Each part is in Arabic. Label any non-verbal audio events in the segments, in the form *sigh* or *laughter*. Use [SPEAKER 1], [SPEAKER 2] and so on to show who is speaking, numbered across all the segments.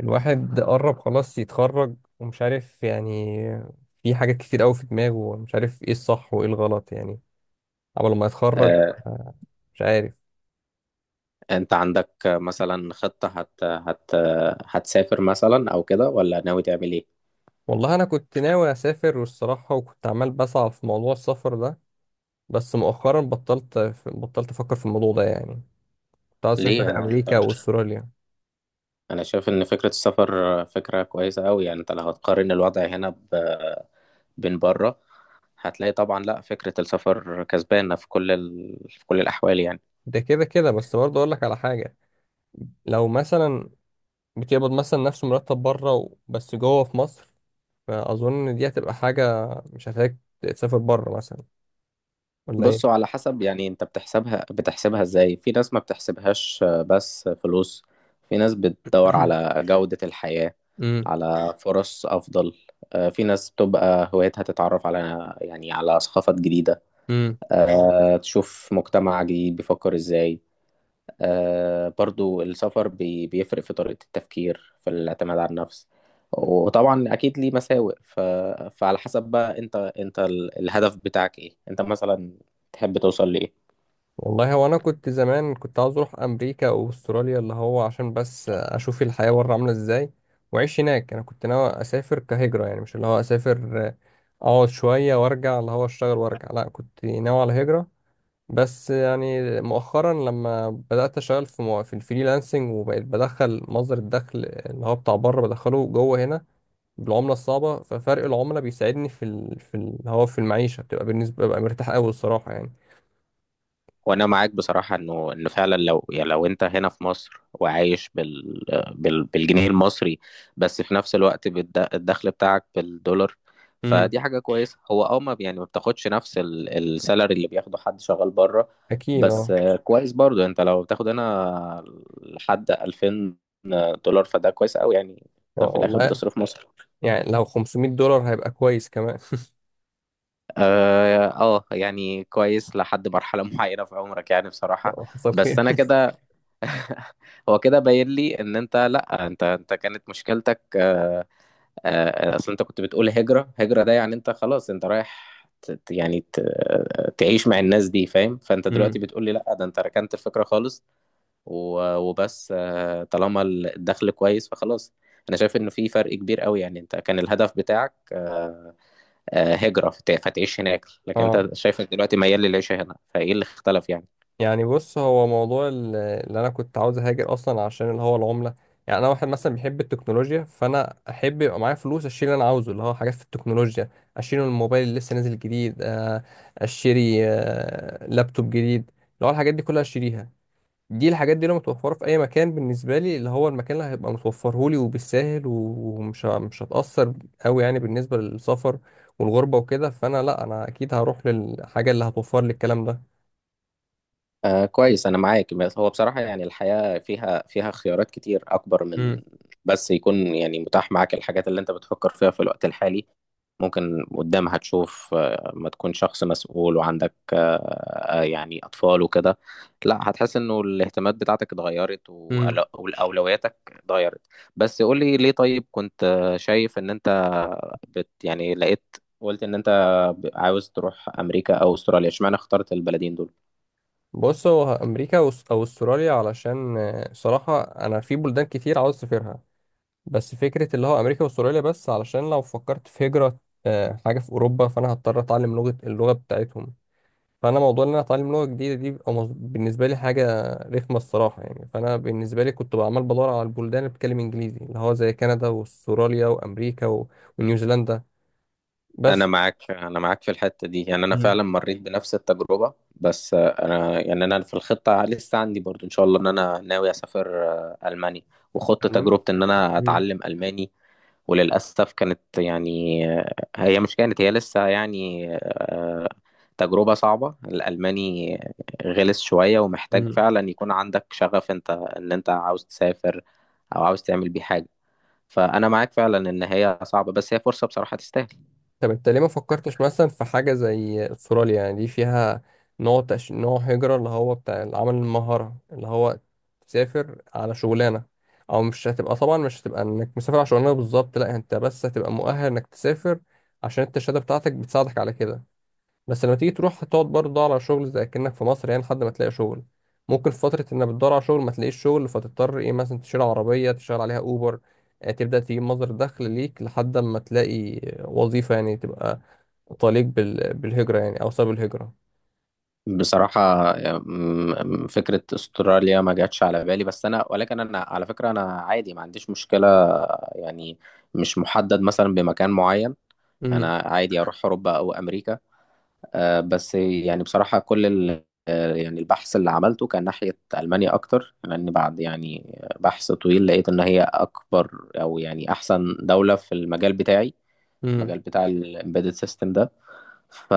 [SPEAKER 1] الواحد قرب خلاص يتخرج ومش عارف يعني. في حاجات كتير قوي في دماغه ومش عارف ايه الصح وايه الغلط يعني قبل ما يتخرج.
[SPEAKER 2] آه،
[SPEAKER 1] آه، مش عارف.
[SPEAKER 2] انت عندك مثلا خطة هت هت هتسافر مثلا او كده، ولا ناوي تعمل ايه؟
[SPEAKER 1] والله انا كنت ناوي اسافر والصراحة، وكنت عمال بسعى في موضوع السفر ده، بس مؤخرا بطلت افكر في الموضوع ده يعني. كنت عايز
[SPEAKER 2] ليه؟
[SPEAKER 1] اسافر
[SPEAKER 2] انا
[SPEAKER 1] امريكا واستراليا.
[SPEAKER 2] انا شايف ان فكرة السفر فكرة كويسة قوي، يعني انت لو هتقارن الوضع هنا بين بره، هتلاقي طبعا لا، فكرة السفر كسبانة في كل الاحوال يعني.
[SPEAKER 1] ده كده كده، بس برضه اقول لك على حاجة. لو مثلا بتقبض مثلا نفس مرتب بره بس جوه في مصر، فاظن دي هتبقى حاجة مش هتحتاج تسافر بره مثلا، ولا
[SPEAKER 2] بصوا،
[SPEAKER 1] ايه؟
[SPEAKER 2] على حسب، يعني انت بتحسبها ازاي. في ناس ما بتحسبهاش آه، بس فلوس. في ناس بتدور
[SPEAKER 1] *clears throat*
[SPEAKER 2] على جودة الحياة،
[SPEAKER 1] امم
[SPEAKER 2] على فرص افضل. آه، في ناس بتبقى هوايتها تتعرف على، يعني، على ثقافات جديدة.
[SPEAKER 1] امم
[SPEAKER 2] آه، تشوف مجتمع جديد بيفكر ازاي. آه، برضو السفر بيفرق في طريقة التفكير، في الاعتماد على النفس. وطبعا اكيد ليه مساوئ. فعلى حسب بقى، انت الهدف بتاعك ايه؟ انت مثلا تحب توصل لايه؟
[SPEAKER 1] والله هو انا كنت زمان كنت عاوز اروح امريكا او استراليا، اللي هو عشان بس اشوف الحياة بره عاملة ازاي واعيش هناك. انا كنت ناوي اسافر كهجرة يعني، مش اللي هو اسافر، اقعد شوية وارجع، اللي هو اشتغل وارجع. لا، كنت ناوي على هجرة. بس يعني مؤخرا لما بدأت اشتغل في في الفريلانسنج وبقيت بدخل مصدر الدخل اللي هو بتاع بره بدخله جوه هنا بالعملة الصعبة، ففرق العملة بيساعدني هو في المعيشة بتبقى بالنسبة ببقى مرتاح أوي الصراحة يعني.
[SPEAKER 2] وانا معاك بصراحه، انه فعلا، لو يعني لو انت هنا في مصر وعايش بالجنيه المصري، بس في نفس الوقت الدخل بتاعك بالدولار،
[SPEAKER 1] امم
[SPEAKER 2] فدي حاجه كويسه. هو اه، ما يعني ما بتاخدش نفس السالري اللي بياخده حد شغال بره.
[SPEAKER 1] أكيد
[SPEAKER 2] بس
[SPEAKER 1] أه.
[SPEAKER 2] آه، كويس برضو انت لو بتاخد هنا لحد 2000 دولار، فده كويس قوي يعني. ده في الاخر
[SPEAKER 1] والله.
[SPEAKER 2] بتصرف مصر.
[SPEAKER 1] يعني لو 500 دولار هيبقى كويس كمان.
[SPEAKER 2] اه آه، يعني كويس لحد مرحله *laughs* معينه في عمرك، يعني
[SPEAKER 1] *laughs*
[SPEAKER 2] بصراحه.
[SPEAKER 1] لا، حصل
[SPEAKER 2] بس
[SPEAKER 1] خير.
[SPEAKER 2] انا كده. *laughs* هو كده باين لي ان انت، لا، انت كانت مشكلتك آه، آه، اصل انت كنت بتقول هجرة هجرة، ده يعني انت خلاص انت رايح آه، تعيش مع الناس دي، فاهم؟ فانت دلوقتي
[SPEAKER 1] امم
[SPEAKER 2] بتقول لي لا، ده انت ركنت الفكرة خالص. وبس آه، طالما الدخل كويس فخلاص. انا شايف انه في فرق كبير قوي. يعني انت كان الهدف بتاعك آه، آه، هجرة فتعيش هناك،
[SPEAKER 1] *laughs*
[SPEAKER 2] لكن
[SPEAKER 1] أه.
[SPEAKER 2] انت شايفك دلوقتي ميال للعيشة هنا، فايه اللي اختلف يعني؟
[SPEAKER 1] يعني بص، هو موضوع اللي أنا كنت عاوز أهاجر أصلا عشان اللي هو العملة. يعني أنا واحد مثلا بيحب التكنولوجيا، فأنا أحب يبقى معايا فلوس أشتري اللي أنا عاوزه، اللي هو حاجات في التكنولوجيا. أشتري الموبايل اللي لسه نازل جديد، أشتري لابتوب جديد، اللي هو الحاجات دي كلها أشتريها. دي الحاجات دي لو متوفرة في أي مكان بالنسبة لي، اللي هو المكان اللي هيبقى متوفرهولي وبالساهل ومش ه- مش هتأثر أوي يعني بالنسبة للسفر والغربة وكده، فأنا لأ، أنا أكيد هروح للحاجة اللي هتوفر لي الكلام ده.
[SPEAKER 2] آه، كويس، أنا معاك. بس هو بصراحة يعني الحياة فيها اختيارات كتير أكبر من،
[SPEAKER 1] امم
[SPEAKER 2] بس يكون يعني متاح معاك الحاجات اللي أنت بتفكر فيها في الوقت الحالي. ممكن قدامها تشوف آه، ما تكون شخص مسؤول وعندك آه، آه، يعني أطفال وكده. لا، هتحس إنه الاهتمامات بتاعتك اتغيرت،
[SPEAKER 1] امم
[SPEAKER 2] وأولوياتك اتغيرت. بس قولي ليه، طيب كنت آه، شايف إن أنت يعني لقيت، قلت إن أنت عاوز تروح أمريكا أو أستراليا، اشمعنى اخترت البلدين دول؟
[SPEAKER 1] بص هو أو أستراليا، علشان صراحة أنا في بلدان كتير عاوز أسافرها، بس فكرة اللي هو أمريكا وأستراليا بس علشان لو فكرت في هجرة، حاجة في أوروبا، فأنا هضطر أتعلم لغة اللغة بتاعتهم. فانا موضوع ان انا اتعلم لغه جديده دي بيبقى بالنسبه لي حاجه رخمه الصراحه يعني، فانا بالنسبه لي كنت عمال بدور على البلدان اللي بتتكلم انجليزي، اللي هو زي كندا واستراليا وامريكا ونيوزيلندا
[SPEAKER 2] انا
[SPEAKER 1] بس.
[SPEAKER 2] معاك انا معاك في الحته دي، يعني انا
[SPEAKER 1] مم.
[SPEAKER 2] فعلا مريت بنفس التجربه. بس آه، انا يعني انا في الخطه لسه عندي برضو ان شاء الله، ان انا ناوي اسافر آه، المانيا. وخدت
[SPEAKER 1] تمام.
[SPEAKER 2] تجربه ان انا
[SPEAKER 1] مم.
[SPEAKER 2] اتعلم الماني. وللاسف كانت يعني آه، هي مش كانت هي لسه يعني آه، تجربه صعبه. الالماني غلس شويه، ومحتاج
[SPEAKER 1] مم.
[SPEAKER 2] فعلا يكون عندك شغف، انت ان انت عاوز تسافر او عاوز تعمل بيه حاجه. فانا معاك فعلا ان هي صعبه، بس هي فرصه بصراحه تستاهل.
[SPEAKER 1] طب انت ليه ما فكرتش مثلا في حاجة زي استراليا؟ يعني دي فيها نوع هجرة اللي هو بتاع العمل المهارة، اللي هو تسافر على شغلانة، او مش هتبقى طبعا مش هتبقى انك مسافر على شغلانة بالظبط، لا انت بس هتبقى مؤهل انك تسافر عشان انت الشهادة بتاعتك بتساعدك على كده. بس لما تيجي تروح هتقعد برضه تدور على شغل زي كأنك في مصر يعني، لحد ما تلاقي شغل. ممكن في فترة انك بتدور على شغل ما تلاقيش شغل، فتضطر ايه مثلا تشيل عربية تشتغل عليها اوبر، تبدأ تجيب مصدر دخل ليك لحد ما تلاقي وظيفة، يعني تبقى طليق بالهجرة يعني او سبب الهجرة.
[SPEAKER 2] بصراحة، فكرة استراليا ما جاتش على بالي. بس أنا ولكن أنا على فكرة أنا عادي، ما عنديش مشكلة يعني، مش محدد مثلا بمكان معين.
[SPEAKER 1] امم
[SPEAKER 2] أنا عادي أروح أوروبا أو أمريكا. آه، بس يعني بصراحة كل ال آه، يعني البحث اللي عملته كان ناحية ألمانيا أكتر، لأن بعد يعني بحث طويل لقيت إن هي أكبر، أو يعني أحسن دولة في المجال بتاعي.
[SPEAKER 1] امم
[SPEAKER 2] المجال بتاع الإمبيدد سيستم ده. ف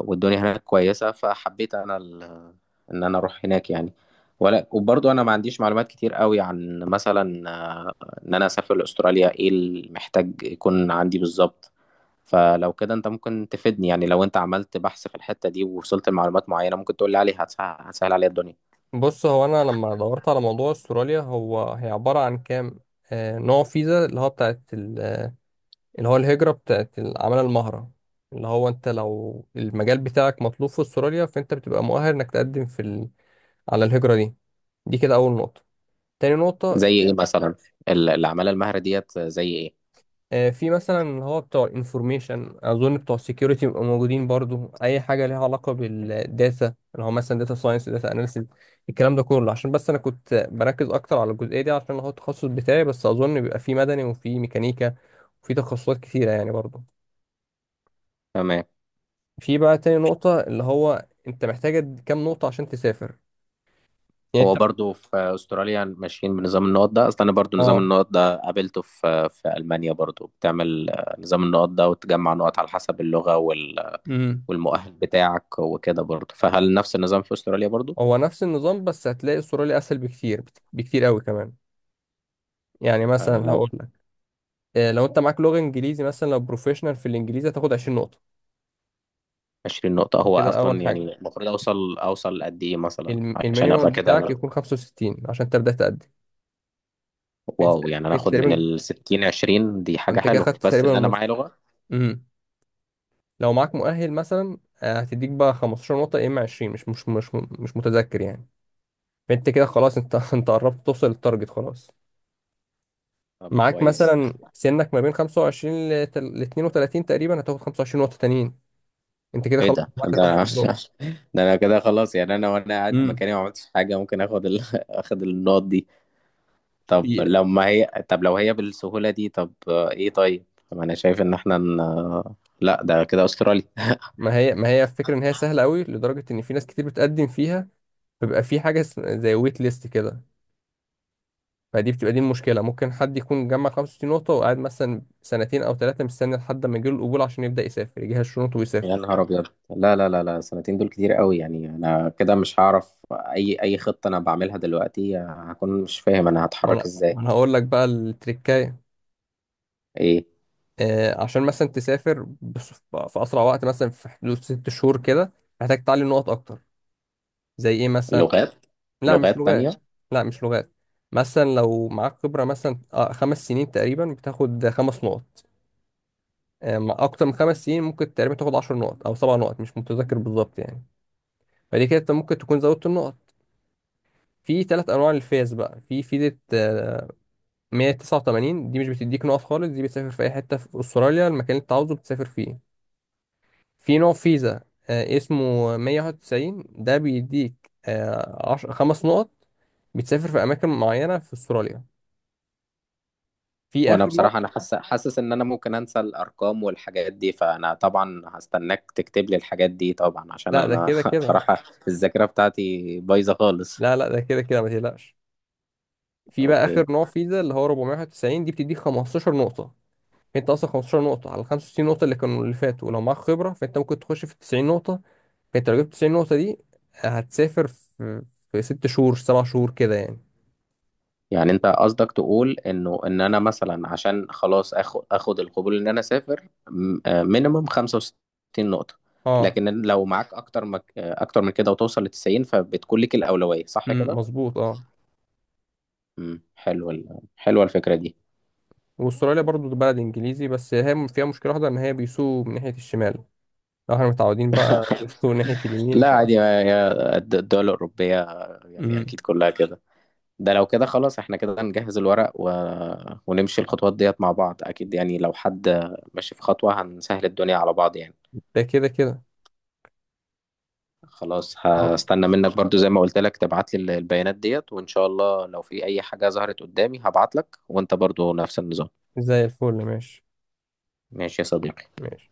[SPEAKER 2] والدنيا هناك كويسة، فحبيت أنا ان انا اروح هناك يعني. ولا وبرضه انا ما عنديش معلومات كتير قوي عن مثلا آه، ان انا اسافر لاستراليا. ايه اللي محتاج يكون عندي بالظبط؟ فلو كده انت ممكن تفيدني، يعني لو انت عملت بحث في الحتة دي ووصلت لمعلومات معينة ممكن تقول لي عليها، هتسهل عليا الدنيا.
[SPEAKER 1] بص هو انا لما دورت على موضوع استراليا، هو هي عبارة عن كام نوع فيزا، اللي هو بتاعت اللي هو الهجرة بتاعت العمالة المهرة، اللي هو انت لو المجال بتاعك مطلوب في استراليا فانت بتبقى مؤهل انك تقدم على الهجرة دي. دي كده اول نقطة. تاني نقطة،
[SPEAKER 2] زي ايه مثلا؟ العمالة المهرة ديت زي ايه؟
[SPEAKER 1] في مثلا اللي هو بتوع الانفورميشن، اظن بتوع السكيورتي بيبقوا موجودين برضو، اي حاجة ليها علاقة بالداتا، اللي هو مثلا داتا ساينس داتا اناليسيس، الكلام ده كله عشان بس انا كنت بركز اكتر على الجزئية دي عشان هو التخصص بتاعي، بس اظن بيبقى في مدني وفي ميكانيكا وفي تخصصات كتيرة يعني برضو.
[SPEAKER 2] تمام.
[SPEAKER 1] في بقى تاني نقطة، اللي هو انت محتاج كام نقطة عشان تسافر يعني انت.
[SPEAKER 2] هو برضه في استراليا ماشيين بنظام النقط ده اصلا. انا برضه نظام
[SPEAKER 1] اه.
[SPEAKER 2] النقط ده قابلته في المانيا برضه، بتعمل آه، نظام النقط ده وتجمع نقط على حسب اللغة
[SPEAKER 1] امم
[SPEAKER 2] والمؤهل بتاعك وكده برضه. فهل نفس النظام في استراليا برضه؟
[SPEAKER 1] هو نفس النظام، بس هتلاقي استراليا اسهل بكتير قوي كمان. يعني
[SPEAKER 2] آه،
[SPEAKER 1] مثلا
[SPEAKER 2] لو
[SPEAKER 1] هقول لك، لو انت معاك لغة انجليزي مثلا، لو بروفيشنال في الانجليزي هتاخد 20 نقطة.
[SPEAKER 2] 20 نقطة.
[SPEAKER 1] دي
[SPEAKER 2] هو
[SPEAKER 1] كده اول
[SPEAKER 2] أصلا يعني
[SPEAKER 1] حاجة.
[SPEAKER 2] المفروض أوصل، قد إيه مثلا عشان أبقى
[SPEAKER 1] المينيمم بتاعك
[SPEAKER 2] كده؟
[SPEAKER 1] يكون 65 عشان تبدأ تقدم. انت
[SPEAKER 2] واو، يعني أنا
[SPEAKER 1] انت
[SPEAKER 2] آخد من
[SPEAKER 1] تقريبا،
[SPEAKER 2] ال 60، 20 دي حاجة
[SPEAKER 1] انت كده
[SPEAKER 2] حلوة
[SPEAKER 1] خدت
[SPEAKER 2] بس
[SPEAKER 1] تقريبا
[SPEAKER 2] إن أنا معايا
[SPEAKER 1] النص.
[SPEAKER 2] لغة.
[SPEAKER 1] امم لو معاك مؤهل مثلا، هتديك بقى 15 نقطة يا اما 20، مش متذكر يعني. انت كده خلاص، انت *laughs* انت قربت توصل للتارجت خلاص.
[SPEAKER 2] طب
[SPEAKER 1] معاك
[SPEAKER 2] كويس.
[SPEAKER 1] مثلا سنك ما بين 25 ل 32 تقريبا، هتاخد 25 نقطة تانيين. انت كده
[SPEAKER 2] إيه
[SPEAKER 1] خلاص
[SPEAKER 2] ده
[SPEAKER 1] جمعت ال
[SPEAKER 2] ده
[SPEAKER 1] 25 نقطة.
[SPEAKER 2] *laughs* ده أنا كده خلاص يعني، أنا وأنا قاعد
[SPEAKER 1] امم
[SPEAKER 2] مكاني ما عملتش حاجة، ممكن آخد *laughs* آخد النقط دي. طب
[SPEAKER 1] في،
[SPEAKER 2] لما هي، طب لو هي بالسهولة دي، طب آه، إيه طيب؟ طب أنا شايف إن إحنا لا، ده كده أستراليا.
[SPEAKER 1] ما هي الفكرة ان هي سهلة قوي لدرجة ان في ناس كتير بتقدم فيها، بيبقى في زي ويت ليست كده. فدي بتبقى دي المشكلة، ممكن حد يكون جمع 65 نقطة وقاعد مثلا سنتين او ثلاثة مستني لحد ما يجيله القبول عشان يبدأ يسافر يجهز شنطه
[SPEAKER 2] يا
[SPEAKER 1] ويسافر.
[SPEAKER 2] نهار ابيض، لا لا لا لا، سنتين دول كتير قوي يعني. انا كده مش هعرف اي خطه انا بعملها دلوقتي، هكون مش فاهم انا
[SPEAKER 1] ما
[SPEAKER 2] هتحرك
[SPEAKER 1] انا ما
[SPEAKER 2] ازاي.
[SPEAKER 1] انا هقول لك بقى التريكاية.
[SPEAKER 2] ايه؟
[SPEAKER 1] عشان مثلا تسافر في اسرع وقت مثلا، في حدود ست شهور كده، محتاج تعلي نقط اكتر. زي ايه مثلا؟
[SPEAKER 2] لغات.
[SPEAKER 1] لا مش
[SPEAKER 2] لغات
[SPEAKER 1] لغات.
[SPEAKER 2] تانية.
[SPEAKER 1] لا مش لغات. مثلا لو معاك خبرة مثلا خمس سنين تقريبا، بتاخد خمس نقط. مع اكتر من خمس سنين ممكن تقريبا تاخد عشر نقط او سبع نقط، مش متذكر بالظبط يعني. فدي كده انت ممكن تكون زودت النقط. في ثلاث انواع للفيز بقى. في فيزة 189، دي مش بتديك نقط خالص، دي بتسافر في اي حتة في استراليا، المكان اللي انت عاوزه بتسافر فيه. في نوع فيزا اسمه 191، ده بيديك خمس نقط، بتسافر في أماكن معينة في أستراليا. في
[SPEAKER 2] وانا
[SPEAKER 1] آخر نوع.
[SPEAKER 2] بصراحه انا حاسس ان انا ممكن انسى الارقام والحاجات دي، فانا طبعا هستناك تكتب لي الحاجات دي، طبعا عشان
[SPEAKER 1] لا، ده
[SPEAKER 2] انا
[SPEAKER 1] كده
[SPEAKER 2] *laughs*
[SPEAKER 1] كده.
[SPEAKER 2] بصراحه الذاكره بتاعتي بايظه خالص.
[SPEAKER 1] لا لا، ده كده كده ما تقلقش. في بقى
[SPEAKER 2] اوكي،
[SPEAKER 1] آخر نوع فيزا اللي هو 491، دي بتديك 15 نقطة. فأنت أصلا 15 نقطة على 65 نقطة اللي كانوا اللي فاتوا، ولو معاك خبرة فأنت ممكن تخش في 90 نقطة. فأنت لو جبت 90 نقطة دي، هتسافر في في ست شهور سبع شهور كده يعني.
[SPEAKER 2] يعني انت قصدك تقول انه ان انا مثلا عشان خلاص اخد القبول ان انا اسافر مينيمم 65 نقطة،
[SPEAKER 1] اه.
[SPEAKER 2] لكن لو معاك اكتر مك... آه، اكتر من كده وتوصل ل 90، فبتكون لك الأولوية صح
[SPEAKER 1] أمم،
[SPEAKER 2] كده؟
[SPEAKER 1] مظبوط اه.
[SPEAKER 2] امم، حلوه حلوه الفكرة دي.
[SPEAKER 1] واستراليا برضو ده بلد انجليزي، بس هي فيها مشكله واحده ان هي بيسوقوا من ناحيه الشمال، لو احنا متعودين بقى *laughs* بيسوقوا من ناحيه اليمين
[SPEAKER 2] لا،
[SPEAKER 1] ف.
[SPEAKER 2] عادي، الدول الأوروبية، يعني
[SPEAKER 1] مم.
[SPEAKER 2] اكيد كلها كده. ده لو كده خلاص احنا كده نجهز الورق ونمشي الخطوات ديت مع بعض. اكيد يعني لو حد ماشي في خطوة، هنسهل الدنيا على بعض يعني.
[SPEAKER 1] ده كده كده.
[SPEAKER 2] خلاص
[SPEAKER 1] اه،
[SPEAKER 2] هستنى منك برضو زي ما قلت لك تبعت لي البيانات ديت، وإن شاء الله لو في أي حاجة ظهرت قدامي هبعت لك، وأنت برضو نفس النظام.
[SPEAKER 1] زي الفل. ماشي.
[SPEAKER 2] ماشي يا صديقي.
[SPEAKER 1] ماشي.